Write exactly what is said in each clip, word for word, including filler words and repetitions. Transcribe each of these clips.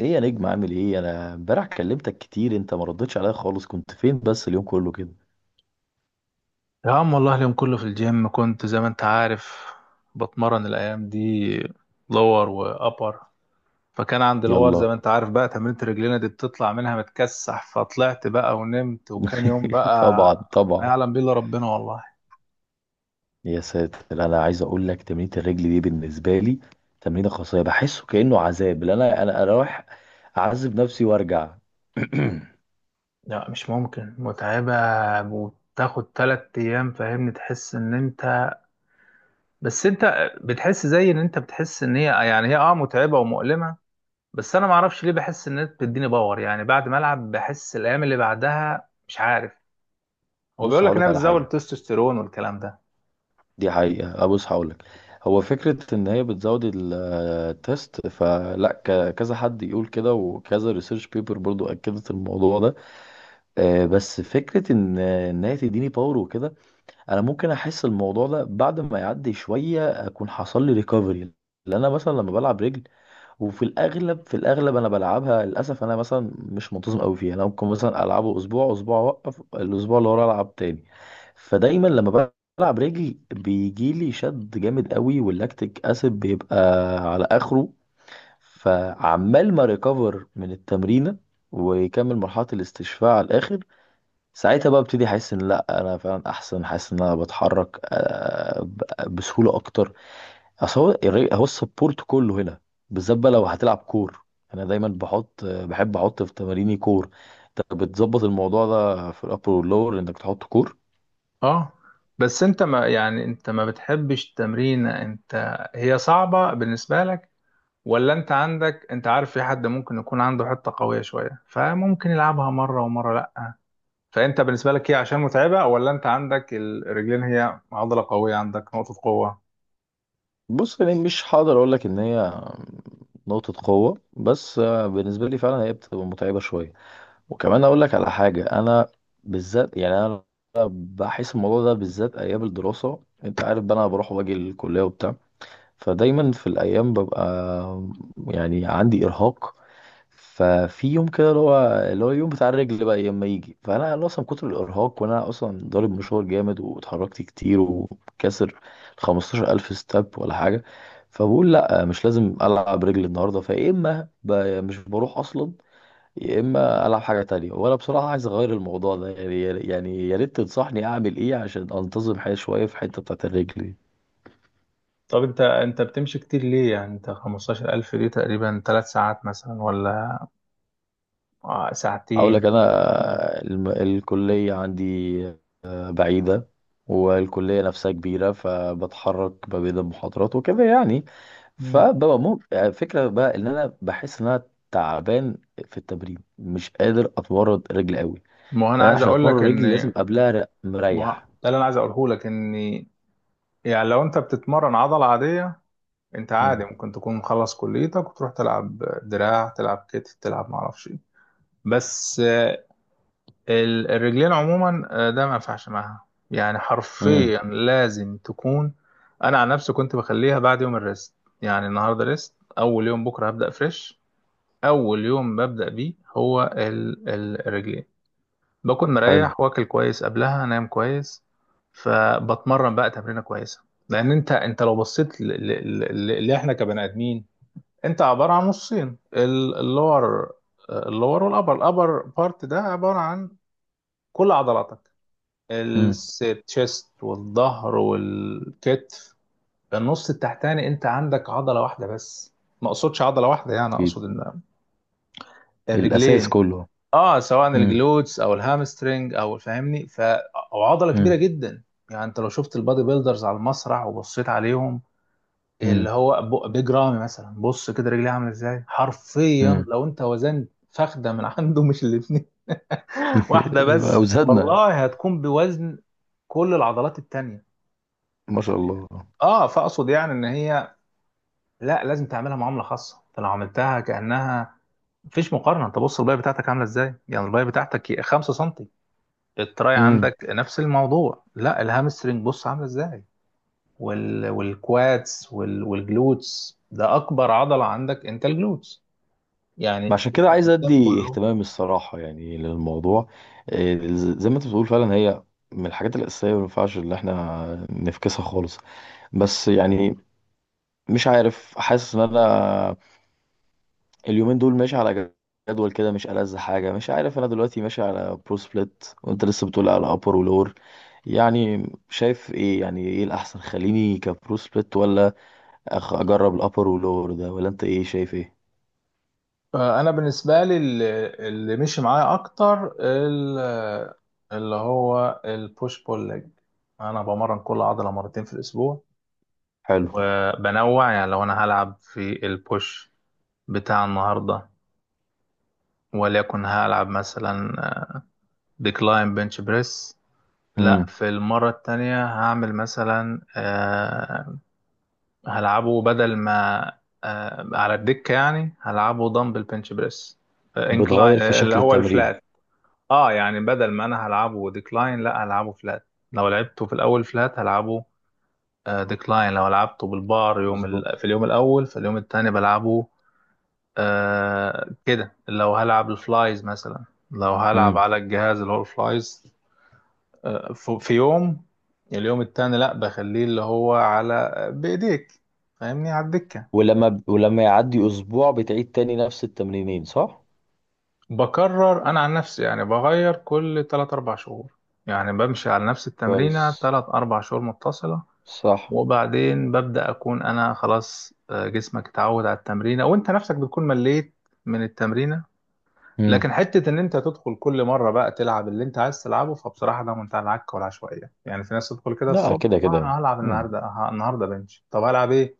ايه يا نجم عامل ايه؟ انا امبارح كلمتك كتير، انت ما ردتش عليا خالص. كنت فين بس اليوم كله كده؟ يا عم والله اليوم كله في الجيم كنت، زي ما انت عارف، بتمرن الايام دي لور وابر. فكان عندي لور، زي يلا ما انت عارف، بقى تمرينة رجلينا دي بتطلع منها متكسح، فطلعت بقى ونمت، وكان يوم طبعا بقى ما طبعا. يعلم بيه الا ربنا والله. يا ساتر، انا عايز اقول لك تمرينة الرجل دي بالنسبه لي تمرينه خاصه، بحسه كانه عذاب. اللي انا انا أنا رايح اعذب نفسي وارجع. لا، مش ممكن، متعبة وتاخد تلات ايام، فاهمني؟ تحس ان انت بس انت بتحس، زي ان انت بتحس ان هي يعني هي اه متعبة ومؤلمة. بس انا معرفش ليه بحس ان انت بتديني باور، يعني بعد ما العب بحس الايام اللي بعدها مش عارف. هو بص بيقول لك هقول انها لك على بتزود حاجه. التستوستيرون والكلام ده. دي حقيقه. أه بص هقول لك، هو فكره ان هي بتزود ال- التست، فلا ك- كذا حد يقول كده، وكذا ريسيرش بيبر برضو اكدت الموضوع ده. آه، بس فكرة إن إن هي تديني باور وكده، أنا ممكن أحس الموضوع ده بعد ما يعدي شوية أكون حصل لي ريكفري. لأن أنا مثلا لما بلعب رجل، وفي الأغلب في الأغلب أنا بلعبها، للأسف أنا مثلا مش منتظم أوي فيها. أنا ممكن مثلا ألعبه أسبوع، أسبوع أوقف، الأسبوع اللي ورا ألعب تاني. فدايما لما بلعب رجل بيجيلي شد جامد أوي، واللاكتيك أسيد بيبقى على آخره، فعمال ما ريكفر من التمرينة ويكمل مرحلة الاستشفاء على الآخر. ساعتها بقى ابتدي احس ان لا انا فعلا احسن، حاسس ان انا بتحرك آه، ب- بسهوله اكتر. اصل هو الري- هو السبورت كله هنا، بالذات بقى لو هتلعب كور. انا دايما بحط، آه، بحب احط في تماريني كور. انت بتظبط الموضوع ده في الابر واللور انك تحط كور. اه، بس انت ما يعني انت ما بتحبش التمرين، انت هي صعبة بالنسبة لك، ولا انت عندك؟ انت عارف، في حد ممكن يكون عنده حتة قوية شوية فممكن يلعبها مرة، ومرة لا. فانت بالنسبة لك هي عشان متعبة، ولا انت عندك الرجلين هي عضلة قوية، عندك نقطة قوة؟ بص، يعني مش هقدر اقول لك ان هي نقطه قوه، بس آه، بالنسبه لي فعلا هي بتبقى متعبه شويه. وكمان اقول لك على حاجه، انا بالذات يعني انا بحس الموضوع ده بالذات ايام الدراسه. انت عارف بقى انا بروح واجي الكليه وبتاع، فدايما في الايام ببقى يعني عندي ارهاق. ففي يوم كده اللي هو اللي هو اليوم بتاع الرجل بقى لما يجي، فانا أنا اصلا من كتر الارهاق، وانا اصلا ضارب مشوار جامد واتحركت كتير، وكاسر خمستاشر الف ستاب ولا حاجه. فبقول لا مش لازم العب رجل النهارده. فيا اما ب- مش بروح اصلا، يا اما العب حاجه تانية. وانا بصراحه عايز اغير الموضوع ده يعني. يعني يا ريت تنصحني اعمل ايه عشان انتظم حياتي شويه في الحته بتاعت الرجل دي. طب انت انت بتمشي كتير ليه؟ يعني انت خمستاشر الف دي تقريبا 3 ساعات مثلا، ولا آه، هقول لك ساعتين؟ انا، الم- الكليه عندي بعيده، والكليه نفسها كبيره، فبتحرك ما بين المحاضرات وكده يعني. مم. فببقى مو- فكره بقى ان انا بحس ان انا تعبان في التمرين، مش قادر اتمرن رجل قوي. ما هو انا فانا عايز عشان اقول لك اتمرن ان رجل لازم قبلها ر- ما مريح. ده اللي انا عايز اقوله لك. ان يعني لو انت بتتمرن عضله عاديه، انت مم. عادي ممكن تكون مخلص كليتك وتروح تلعب دراع، تلعب كتف، تلعب معرفش ايه. بس آه، ال- الرجلين عموما، آه، ده ما ينفعش معاها، يعني امم. حرفيا لازم تكون. انا عن نفسي كنت بخليها بعد يوم الريست. يعني النهارده ريست، اول يوم بكره هبدا فريش. اول يوم ببدا بيه هو ال- ال- الرجلين. باكل حلو. مريح واكل كويس قبلها، انام كويس، فبتمرن بقى تمرينه كويسه. لان انت انت لو بصيت ل- ل- ل- اللي احنا كبني ادمين، انت عباره عن نصين: ال- اللور. اللور والابر، الابر بارت ده عباره عن كل عضلاتك، امم. الشيست والظهر والكتف. النص التحتاني انت عندك عضله واحده بس. ما اقصدش عضله واحده، يعني اقصد ان الأساس الرجلين، كله. اه، سواء مم. الجلوتس او الهامسترنج او فاهمني، ف او عضله كبيره مم. جدا. يعني انت لو شفت البادي بيلدرز على المسرح وبصيت عليهم، مم. اللي هو ب- بيج رامي مثلا، بص كده رجليه عامله ازاي. حرفيا مم. لو انت وزنت فخده من عنده، مش الاثنين واحده يبقى بس أوزادنا. والله، هتكون بوزن كل العضلات التانية. ما شاء الله. اه، فاقصد يعني ان هي، لا، لازم تعملها معامله خاصه. انت لو عملتها كانها، مفيش مقارنه. انت بص الباقي بتاعتك عامله ازاي، يعني الباقي بتاعتك 5 سم. التراي امم. عندك نفس الموضوع، لا الهامسترنج بص عامله ازاي، وال والكوادس، وال والجلوتس، ده اكبر عضله عندك، انت الجلوتس يعني في عشان جسم كده عايز الانسان ادي كله. اهتمام الصراحه يعني للموضوع. آه، ز- زي ما انت بتقول فعلا، هي من الحاجات الاساسيه، ما ينفعش ان احنا نفكسها خالص. بس يعني مش عارف، حاسس ان انا اليومين دول ماشي على جدول كده مش ألذ حاجة. مش عارف، أنا دلوقتي ماشي على برو سبليت، وأنت لسه بتقول على أبر ولور. يعني شايف إيه؟ يعني إيه الأحسن؟ خليني كبرو سبليت، ولا أخ أجرب الأبر ولور ده؟ ولا أنت إيه؟ شايف إيه؟ فانا بالنسبه لي، اللي اللي مشي معايا اكتر، ال- اللي هو البوش بول ليج. انا بمرن كل عضله مرتين في الاسبوع، حلو. وبنوع. يعني لو انا هلعب في البوش بتاع النهارده، وليكن هلعب مثلا ديكلاين بنش بريس، لا امم. في المرة التانية هعمل مثلا، آه هلعبه بدل ما، آه على الدكة، يعني هلعبه دمبل بنش بريس انكلاين، آه بتغير incline- في آه، اللي شكل هو التمرين. الفلات. اه، يعني بدل ما انا هلعبه ديكلاين، لا هلعبه فلات. لو لعبته في الاول فلات، هلعبه آه ديكلاين. لو لعبته بالبار يوم ال... مظبوط. في اليوم الاول، في اليوم التاني بلعبه آه كده. لو هلعب الفلايز مثلا، لو هلعب امم. على الجهاز اللي هو الفلايز، ف- في يوم اليوم التاني لا، بخليه اللي هو على بإيديك، فاهمني، على الدكة. ولما ب... ولما يعدي أسبوع بتعيد تاني نفس التمرينين، صح؟ بكرر أنا عن نفسي، يعني بغير كل تلات أربع شهور. يعني بمشي على نفس التمرينة كويس. تلات أربع شهور متصلة، صح. وبعدين ببدأ أكون أنا خلاص، آه، جسمك اتعود على التمرينة، وأنت نفسك بتكون مليت من التمرينة. امم. لكن حتة إن أنت تدخل كل مرة بقى تلعب اللي أنت عايز تلعبه، فبصراحة ده منتهى العك والعشوائية. يعني في ناس تدخل كده لا الصبح، كده آه، كده. أنا هلعب مم. النهاردة، آه، النهاردة بنش، طب هلعب إيه؟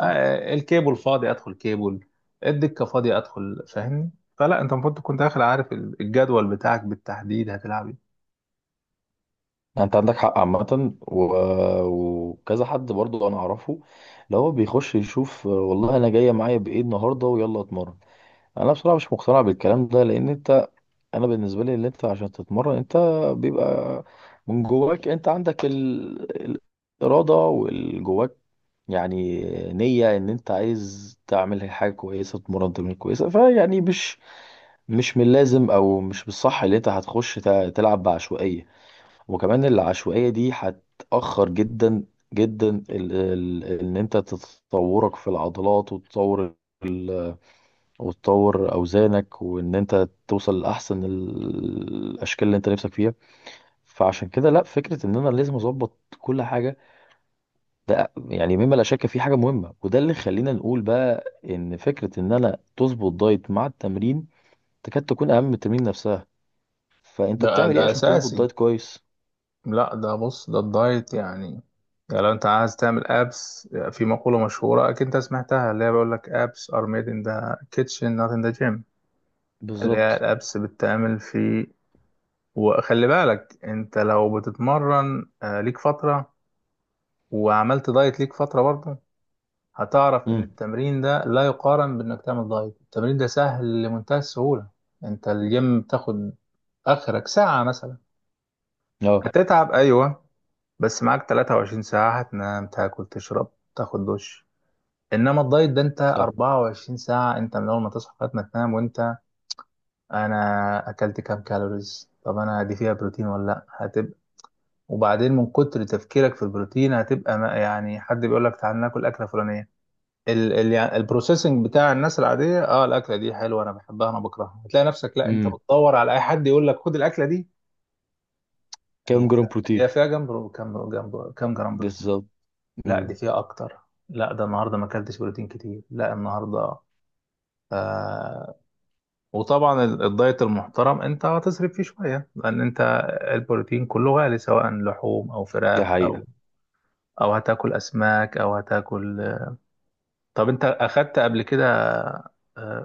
آه، الكيبل فاضي ادخل كيبل، الدكه فاضيه ادخل، فاهمني. فلا، انت المفروض تكون داخل عارف ال- الجدول بتاعك بالتحديد هتلعب ايه. يعني انت عندك حق عامة، و... وكذا حد برضو انا اعرفه اللي هو بيخش يشوف، والله انا جاية معايا بايه النهاردة ويلا اتمرن. انا بصراحة مش مقتنع بالكلام ده، لان انت، انا بالنسبة لي اللي انت عشان تتمرن، انت بيبقى من جواك انت عندك ال... الارادة والجواك يعني نية ان انت عايز تعمل حاجة كويسة، تتمرن تمرين كويسة، فيعني مش مش من اللازم او مش بالصح اللي انت هتخش تلعب بعشوائية. وكمان العشوائية دي هتأخر جدا جدا ال ال ان انت تتطورك في العضلات، وتطور ال- وتطور اوزانك، وان انت توصل لاحسن ال- الاشكال اللي انت نفسك فيها. فعشان كده لا، فكرة ان انا لازم اظبط كل حاجة ده يعني مما لا شك فيه حاجة مهمة. وده اللي خلينا نقول بقى ان فكرة ان انا تظبط دايت مع التمرين تكاد تكون اهم من التمرين نفسها. فانت ده بتعمل ده ايه عشان تظبط اساسي. دايت كويس؟ لا، ده بص، ده الدايت يعني. يعني لو انت عايز تعمل ابس، في مقوله مشهوره اكيد انت سمعتها، اللي هي بيقول لك: ابس ار ميد ان ذا كيتشن، نوت ان ذا جيم. اللي هي بالظبط. الابس بتتعمل في. وخلي بالك، انت لو بتتمرن آه، ليك فتره، وعملت دايت ليك فتره برضه، هتعرف ان امم. التمرين ده لا يقارن بانك تعمل دايت. التمرين ده سهل لمنتهى السهولة. انت الجيم بتاخد اخرك ساعة مثلا، اه. هتتعب ايوه، بس معاك 23 ساعة هتنام، تاكل، تشرب، تاخد دش. انما الدايت ده انت صح. 24 ساعة، انت من اول ما تصحى لغاية ما تنام وانت: انا اكلت كام كالوريز؟ طب انا دي فيها بروتين ولا لا؟ هتبقى، وبعدين من كتر تفكيرك في البروتين، هتبقى ما- يعني حد بيقول لك تعال ناكل اكله فلانيه، ال ال يعني البروسيسنج بتاع الناس العاديه، اه الاكله دي حلوه انا بحبها، انا بكرهها، هتلاقي نفسك لا، انت امم. بتدور على اي حد يقول لك خد الاكله دي، هي كام جرام بروتين؟ هي فيها جنب برو- كم جنب كم جرام بروتين؟ بالظبط. لا، امم. دي فيها اكتر. لا، ده النهارده ما اكلتش بروتين كتير، لا النهارده آه وطبعا ال- الدايت المحترم انت هتصرف فيه شويه، لان انت البروتين كله غالي، سواء لحوم او دي فراخ، حقيقة. او او هتاكل اسماك، او هتاكل طب انت اخدت قبل كده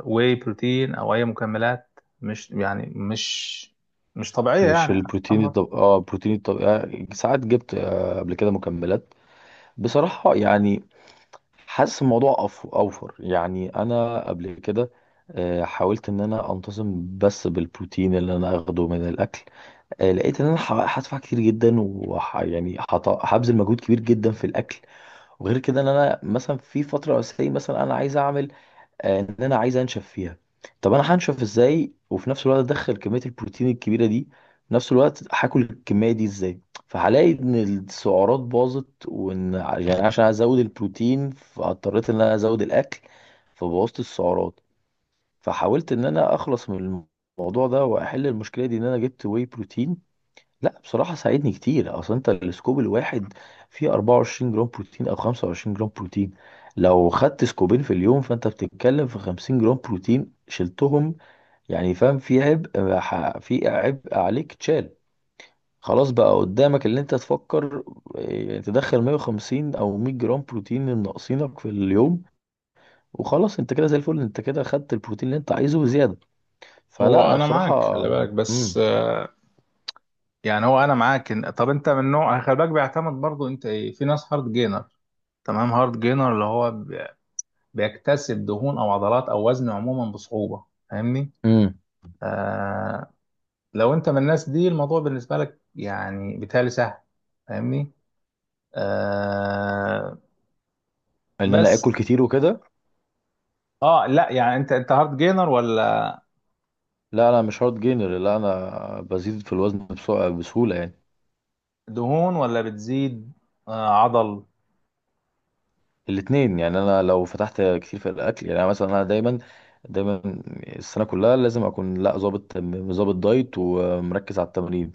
واي بروتين او اي مكملات؟ مش يعني مش مش طبيعية مش يعني. البروتين عمر. الطب... اه البروتين الطبيعي ساعات جبت آه قبل كده مكملات. بصراحة يعني حاسس الموضوع أف... أوفر يعني. أنا قبل كده آه حاولت إن أنا أنتظم بس بالبروتين اللي أنا أخده من الأكل. آه لقيت إن أنا ح- هدفع كتير جدا، وح... يعني هط... هبذل مجهود كبير جدا في الأكل. وغير كده، إن أنا مثلا في فترة أساسية مثلا أنا عايز أعمل، آه، ان انا عايز انشف فيها. طب انا هنشف ازاي وفي نفس الوقت ادخل كميه البروتين الكبيره دي؟ في نفس الوقت هاكل الكميه دي ازاي؟ فهلاقي ان السعرات باظت، وان ع- يعني عشان ازود البروتين، فاضطريت ان انا ازود الاكل، فبوظت السعرات. فحاولت ان انا اخلص من الموضوع ده واحل المشكله دي، ان انا جبت واي بروتين. لا بصراحة ساعدني كتير. اصل انت السكوب الواحد فيه اربعة وعشرين جرام بروتين او خمسة وعشرين جرام بروتين. لو خدت سكوبين في اليوم، فانت بتتكلم في خمسين جرام بروتين شلتهم يعني. فاهم؟ في عبء ح- في عبء عليك اتشال. خلاص بقى قدامك اللي انت تفكر إيه، تدخل مية وخمسين او مية جرام بروتين الناقصينك في اليوم، وخلاص. انت كده زي الفل، انت كده خدت البروتين اللي انت عايزه وزيادة. فلا، هو انا انا معاك، بصراحة. خلي بالك، بس امم. آه، يعني هو انا معاك، إن- طب انت من نوع، خلي بالك بيعتمد برضو انت ايه. في ناس هارد جينر، تمام؟ هارد جينر اللي هو بي- بيكتسب دهون او عضلات او وزن عموما بصعوبة، فاهمني؟ امم. آه لو انت من الناس دي، الموضوع بالنسبة لك يعني بالتالي سهل، فاهمني؟ آه ان انا بس، اكل كتير وكده. اه، لا يعني، انت انت هارد جينر، ولا لا، انا مش هارد جينر. لا، انا بزيد في الوزن بسو- بسهوله يعني. دهون ولا بتزيد آه عضل؟ الاثنين يعني. انا لو فتحت كتير في الاكل يعني، أنا مثلا، انا دايما دايما السنه كلها لازم اكون، لا، ظابط ظابط دايت ومركز على التمرين.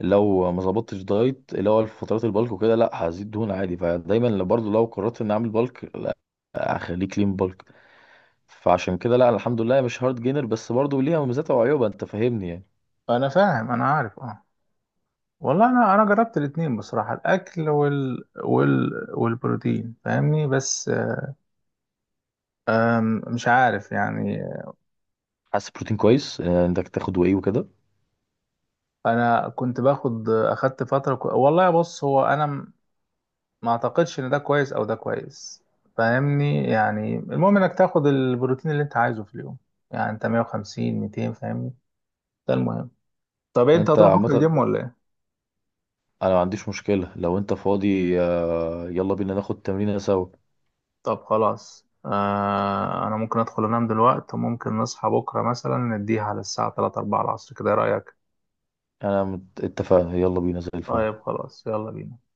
لو ما ظبطتش دايت اللي هو فترات البلك وكده لا هزيد دهون عادي. فدايما لو- برضو لو قررت ان اعمل بلك، لا اخليه كلين بلك. فعشان كده لا، الحمد لله مش هارد جينر، بس برضو ليها مميزاتها وعيوبها انت فاهمني يعني. انا فاهم، انا عارف، اه. والله انا انا جربت الاتنين بصراحة، الاكل وال وال والبروتين، فاهمني، بس آم، مش عارف يعني. حاسس بروتين كويس آه، انك تاخده ايه وكده. انا كنت باخد اخدت فترة كو... والله، بص، هو انا م- ما اعتقدش ان ده كويس او ده كويس، فاهمني، يعني. المهم انك تاخد البروتين اللي انت عايزه في اليوم، يعني انت مية وخمسين، ميتين، فاهمني، ده المهم. طب انت انت هتروح بكره عامه. الجيم ولا ايه؟ انا ما عنديش مشكلة، لو انت فاضي آه، يلا بينا ناخد تمرينة سوا. طب خلاص، آه انا ممكن ادخل انام دلوقتي، وممكن نصحى بكره مثلا نديها على الساعه ثلاثة، اربعة العصر كده، إيه رايك؟ انا مت- اتفقنا، يلا بينا زي الفل. طيب خلاص، يلا بينا.